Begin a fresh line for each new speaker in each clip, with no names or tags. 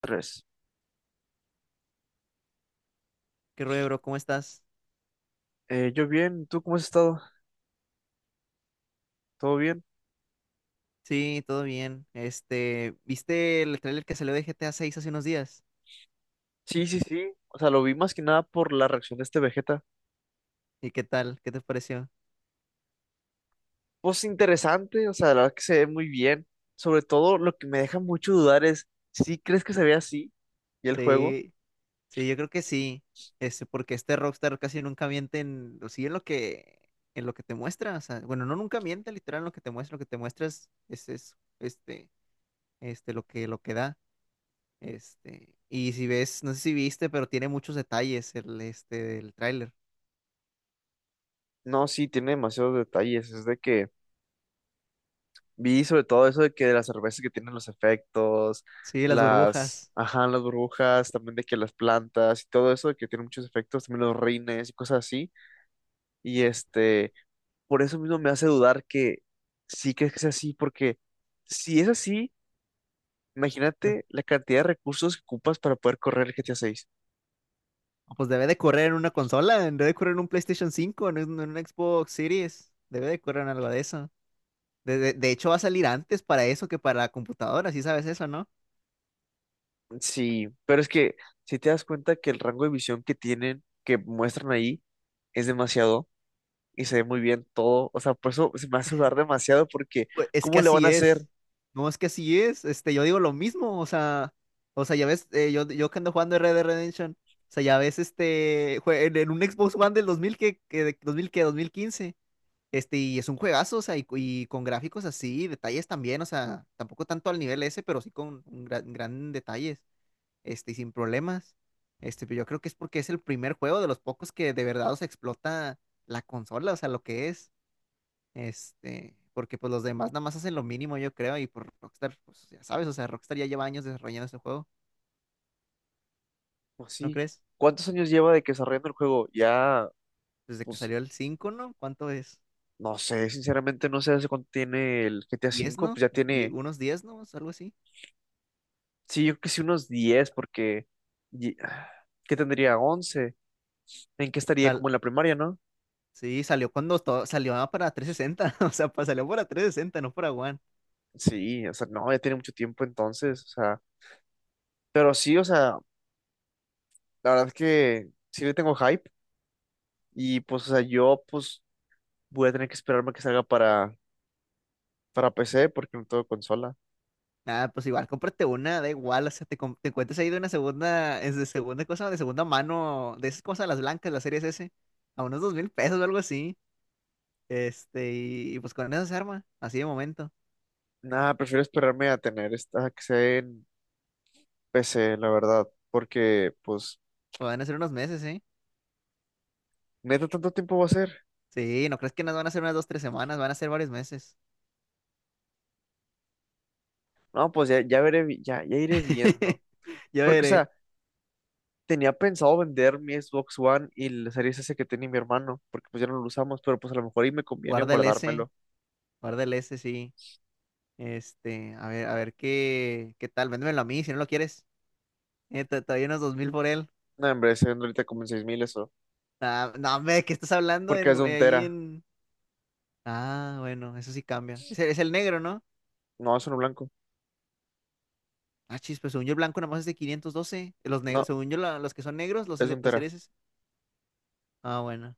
Tres.
¿Qué rollo, bro? ¿Cómo estás?
Yo bien, ¿tú cómo has estado? ¿Todo bien?
Sí, todo bien. ¿Viste el tráiler que salió de GTA 6 hace unos días?
Sí, sí, sí. O sea, lo vi más que nada por la reacción de este Vegeta.
¿Y qué tal? ¿Qué te pareció?
Pues interesante, o sea, la verdad que se ve muy bien. Sobre todo lo que me deja mucho dudar es, ¿sí crees que se ve así? ¿Y el juego?
Sí, sí, yo creo que sí. Porque Rockstar casi nunca miente o sí, en lo que te muestra. O sea, bueno, no nunca miente, literal, en lo que te muestra, lo que te muestras es, lo que da. Y si ves, no sé si viste, pero tiene muchos detalles del tráiler.
No, sí, tiene demasiados detalles. Es de que vi sobre todo eso de que de las cervezas que tienen los efectos,
Sí, las
las,
burbujas.
ajá, las burbujas, también de que las plantas y todo eso, de que tiene muchos efectos, también los rines y cosas así. Y este. Por eso mismo me hace dudar que sí crees que es así, porque si es así, imagínate la cantidad de recursos que ocupas para poder correr el GTA 6.
Pues debe de correr en una consola, debe de correr en un PlayStation 5, en un Xbox Series, debe de correr en algo de eso. De hecho, va a salir antes para eso que para la computadora, sí sabes eso, ¿no?
Sí, pero es que si te das cuenta que el rango de visión que tienen, que muestran ahí, es demasiado y se ve muy bien todo, o sea, por eso se me hace dudar demasiado porque
Pues es que
¿cómo le van
así
a hacer?
es. No, es que así es. Yo digo lo mismo, o sea, ya ves, yo que ando jugando Red Dead Redemption, o sea, ya ves, en un Xbox One del 2000 que, de- 2000 que 2015, y es un juegazo, o sea, y con gráficos así, detalles también, o sea, tampoco tanto al nivel ese, pero sí con un gran detalles. Y sin problemas. Pero yo creo que es porque es el primer juego de los pocos que de verdad os explota la consola, o sea, lo que es, porque pues los demás nada más hacen lo mínimo, yo creo, y por Rockstar, pues ya sabes, o sea, Rockstar ya lleva años desarrollando ese juego,
Pues
¿no
sí,
crees?
¿cuántos años lleva de que desarrollando el juego? Ya,
Desde que
pues
salió el 5, ¿no? ¿Cuánto es?
no sé, sinceramente no sé hace cuánto tiene el GTA
10,
cinco
¿no?
pues ya
Die-
tiene.
unos 10, ¿no? Algo así.
Sí, yo creo que sí unos 10 porque y- ¿qué tendría? 11. ¿En qué
O
estaría?
sea,
Como en la primaria, ¿no?
sí, salió cuando todo, salió para 360 o sea, salió para 360, no para One.
Sí, o sea, no, ya tiene mucho tiempo entonces, o sea. Pero sí, o sea, la verdad es que sí le tengo hype y pues, o sea, yo pues voy a tener que esperarme a que salga para, PC porque no tengo consola.
Nada, pues igual, cómprate una, da igual, o sea, te encuentres ahí de una segunda, es de segunda cosa, de segunda mano, de esas cosas, las blancas, las Series S, a unos 2,000 pesos o algo así, y pues con esas armas, así de momento,
Nada, prefiero esperarme a tener esta que sea en PC, la verdad, porque pues
o van a ser unos meses, ¿eh?
neta tanto tiempo va a ser.
Sí, no crees que nos van a ser unas dos, tres semanas, van a ser varios meses.
No, pues ya, ya veré, ya, ya iré viendo.
Yo
Porque, o
veré,
sea, tenía pensado vender mi Xbox One y la Series S que tiene mi hermano, porque pues ya no lo usamos, pero pues a lo mejor y me conviene
guarda el S,
guardármelo.
guarda el S, sí, a ver qué tal, véndemelo a mí si no lo quieres, te doy unos 2,000 por él.
No, hombre, se vende ahorita como en 6,000 eso,
Ah, no, hombre, ¿qué estás hablando
porque es de
en,
un
ahí
tera.
en...? Ah, bueno, eso sí cambia. Es el negro, ¿no?
No, es uno blanco.
Ah, chis, pues según yo el blanco nada más es de 512. Los negros,
No,
según yo los que son negros,
es de un
los
tera.
cereces. Ah, bueno,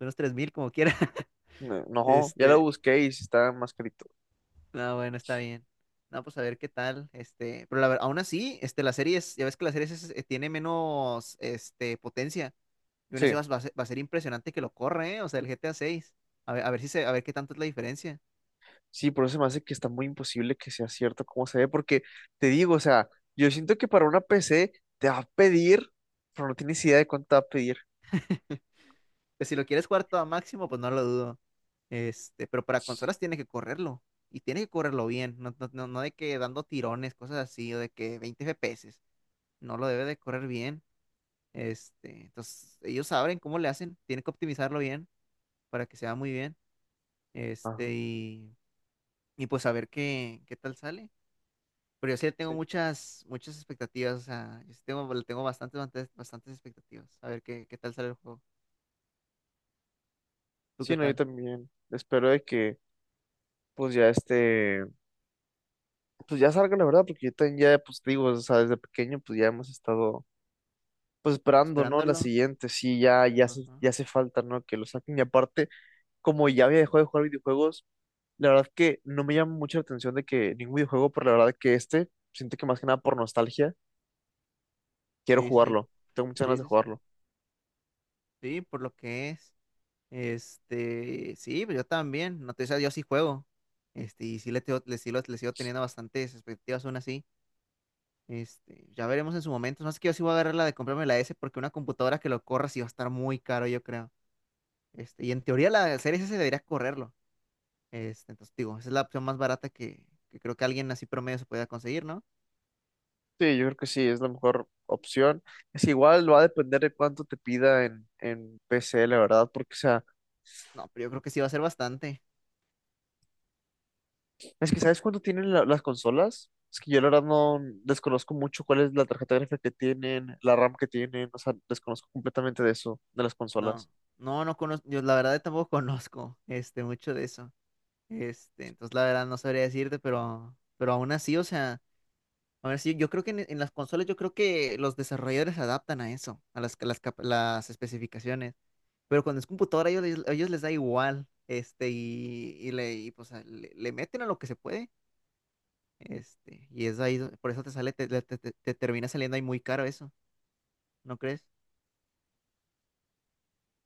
unos 3,000 como quiera.
No, no, ya lo
Este,
busqué y sí está más carito.
no, bueno, está bien. No, pues a ver qué tal. Pero aún así, la serie es, ya ves que tiene menos, potencia. Y aún así
Sí,
va a ser impresionante que lo corra, ¿eh? O sea, el GTA 6. A 6. A ver si se, a ver qué tanto es la diferencia.
sí, por eso se me hace que está muy imposible que sea cierto cómo se ve, porque te digo, o sea, yo siento que para una PC te va a pedir, pero no tienes idea de cuánto te va a pedir.
Pues si lo quieres jugar todo a máximo, pues no lo dudo. Pero para consolas tiene que correrlo. Y tiene que correrlo bien. No, no, no, no de que dando tirones, cosas así, o de que 20 FPS. No lo debe de correr bien. Entonces, ellos saben cómo le hacen. Tienen que optimizarlo bien para que sea muy bien.
Ajá,
Este, y, y pues a ver qué tal sale. Pero yo sí le tengo
sí.
muchas, muchas expectativas. O sea, yo sí tengo, le tengo bastantes, bastantes, bastantes expectativas. A ver qué tal sale el juego. ¿Tú
Sí,
qué
no, yo
tal?
también. Espero de que, pues ya este, pues ya salga la verdad, porque yo también ya, pues te digo, o sea, desde pequeño, pues ya hemos estado, pues esperando, ¿no? La
¿Esperándolo?
siguiente, sí, ya,
Ajá.
ya hace falta, ¿no? Que lo saquen. Y aparte, como ya había dejado de jugar videojuegos, la verdad que no me llama mucho la atención de que ningún videojuego, pero la verdad que este, siento que más que nada por nostalgia, quiero
Sí, sí.
jugarlo. Tengo muchas ganas
Sí,
de
sí, sí.
jugarlo.
Sí, por lo que es. Sí, pero yo también. No te, o sea, yo sí juego. Y sí le, tengo- le sigo teniendo bastantes expectativas aún así. Ya veremos en su momento. No sé que yo sí voy a agarrar la de comprarme la S porque una computadora que lo corra sí va a estar muy caro, yo creo. Y en teoría la Series S debería correrlo. Entonces digo, esa es la opción más barata que creo que alguien así promedio se pueda conseguir, ¿no?
Sí, yo creo que sí, es la mejor opción. Es igual, va a depender de cuánto te pida en PC, la verdad, porque, o sea,
No, pero yo creo que sí va a ser bastante.
es que, ¿sabes cuánto tienen las consolas? Es que yo la verdad no desconozco mucho cuál es la tarjeta gráfica que tienen, la RAM que tienen, o sea, desconozco completamente de eso, de las consolas.
No, no, no conozco, yo la verdad tampoco conozco mucho de eso. Entonces la verdad no sabría decirte, pero aún así, o sea, aún así, yo creo que en las consolas, yo creo que los desarrolladores se adaptan a eso, a las, las especificaciones. Pero cuando es computadora, a ellos les da igual, le meten a lo que se puede, y es ahí, por eso te sale, te termina saliendo ahí muy caro eso, ¿no crees?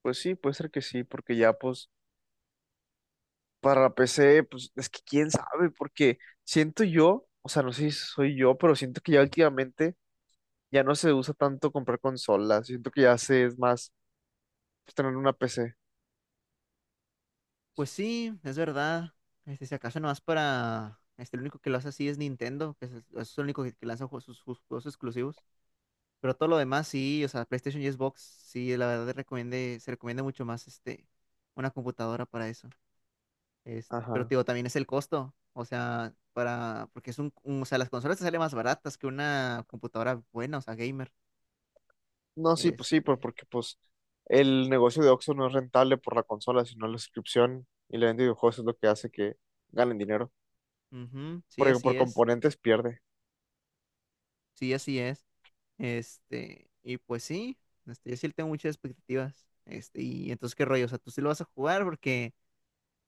Pues sí, puede ser que sí, porque ya pues para la PC, pues es que quién sabe, porque siento yo, o sea, no sé si soy yo, pero siento que ya últimamente ya no se usa tanto comprar consolas, siento que ya se es más pues, tener una PC.
Pues sí, es verdad. Si acaso nomás para, el único que lo hace así es Nintendo, es el único que lanza sus juegos exclusivos. Pero todo lo demás sí, o sea, PlayStation y Xbox, sí, la verdad se recomienda mucho más una computadora para eso. Pero
Ajá.
te digo, también es el costo, o sea, para, porque es o sea, las consolas te salen más baratas que una computadora buena, o sea, gamer.
No, sí, pues
Este,
porque pues el negocio de Oxxo no es rentable por la consola, sino la suscripción y la venta de videojuegos es lo que hace que ganen dinero.
ujú, sí,
Porque por
así es,
componentes pierde.
sí, así es. Y pues sí, yo sí le tengo muchas expectativas. Y entonces, ¿qué rollo? O sea, tú sí lo vas a jugar porque,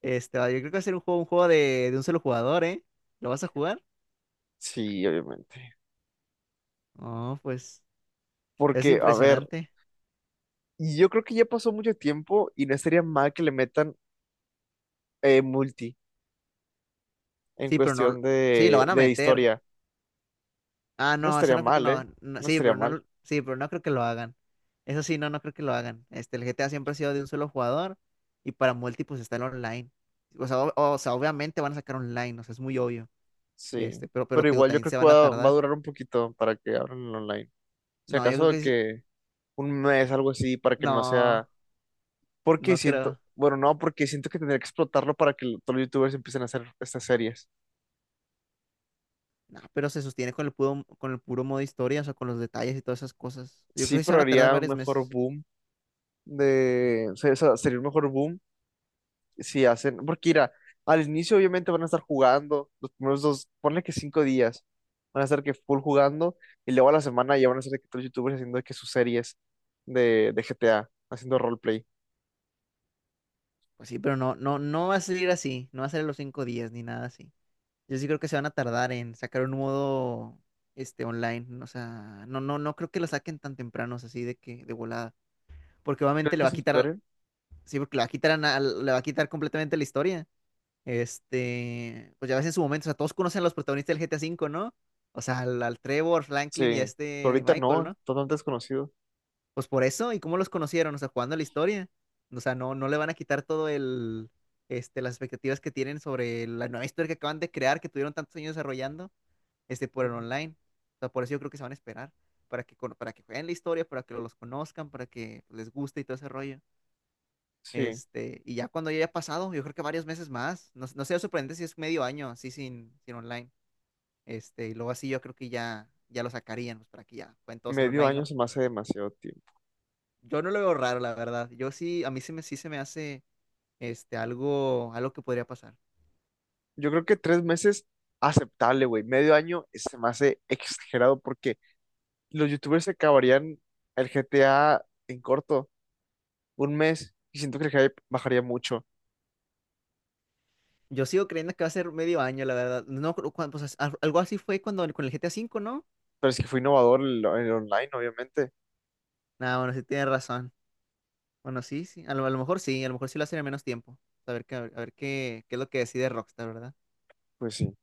yo creo que va a ser un juego de un solo jugador, ¿eh? ¿Lo vas a jugar?
Sí, obviamente.
No, pues. Es
Porque, a ver,
impresionante.
y yo creo que ya pasó mucho tiempo y no estaría mal que le metan multi en
Sí, pero no.
cuestión
Sí, lo
de,
van a
de
meter.
historia.
Ah,
No
no, eso
estaría
no creo que
mal,
lo.
¿eh?
No,
No
sí,
estaría
pero
mal,
no. Sí, pero no creo que lo hagan. Eso sí, no, no creo que lo hagan. El GTA siempre ha sido de un solo jugador y para múltiples está el online. O sea, o sea, obviamente van a sacar online, o sea, es muy obvio.
sí.
Pero
Pero
te digo,
igual yo
también
creo
se
que
van a
va a
tardar.
durar un poquito para que abran el online. Si
No, yo creo
acaso
que
que un mes, algo así, para que no
no,
sea. Porque
no
siento,
creo.
bueno, no, porque siento que tendría que explotarlo para que todos los youtubers empiecen a hacer estas series.
No, pero se sostiene con el puro, modo historia, o sea, con los detalles y todas esas cosas. Yo creo que
Sí,
sí se
pero
van a tardar
haría un
varios
mejor
meses.
boom de, o sea, sería un mejor boom si hacen, porque mira, al inicio obviamente van a estar jugando, los primeros dos, ponle que 5 días, van a estar que full jugando, y luego a la semana ya van a ser de que todos los youtubers haciendo de que sus series de GTA, haciendo roleplay.
Pues sí, pero no, no, no va a salir así, no va a salir los 5 días ni nada así. Yo sí creo que se van a tardar en sacar un modo online. O sea, no, no, no creo que lo saquen tan temprano, o sea, así de que, de volada. Porque
¿Crees
obviamente le
que
va a
se
quitar,
esperen?
sí, porque le va a quitar le va a quitar completamente la historia. Pues ya ves en su momento, o sea, todos conocen a los protagonistas del GTA 5, ¿no? O sea, al Trevor,
Sí,
Franklin y a
pero
este
ahorita
Michael,
no, es
¿no?
totalmente desconocido.
Pues por eso, ¿y cómo los conocieron? O sea, jugando a la historia. O sea, no, no le van a quitar todo el, las expectativas que tienen sobre la nueva historia que acaban de crear, que tuvieron tantos años desarrollando, por el
Ujú.
online. O sea, por eso yo creo que se van a esperar, para para que jueguen la historia, para que los conozcan, para que les guste y todo ese rollo.
Sí,
Y ya cuando ya haya pasado, yo creo que varios meses más, no, no sería sorprendente si es medio año así sin online. Y luego así yo creo que ya lo sacarían, pues para que ya jueguen todos en
medio
online,
año
¿no?
se me hace demasiado.
Yo no lo veo raro, la verdad. Yo sí, a mí sí, sí se me hace algo que podría pasar.
Yo creo que 3 meses aceptable, güey. Medio año, se me hace exagerado porque los youtubers se acabarían el GTA en corto, un mes, y siento que el hype bajaría mucho.
Yo sigo creyendo que va a ser medio año, la verdad. No, creo pues, algo así fue cuando con el GTA V, ¿no?
Pero es que fue innovador el online, obviamente.
Nah, bueno, sí tienes razón. Bueno, sí, sí. A lo mejor sí, a lo mejor sí lo hacen en menos tiempo. A ver, a ver, qué es lo que decide Rockstar, ¿verdad?
Pues sí.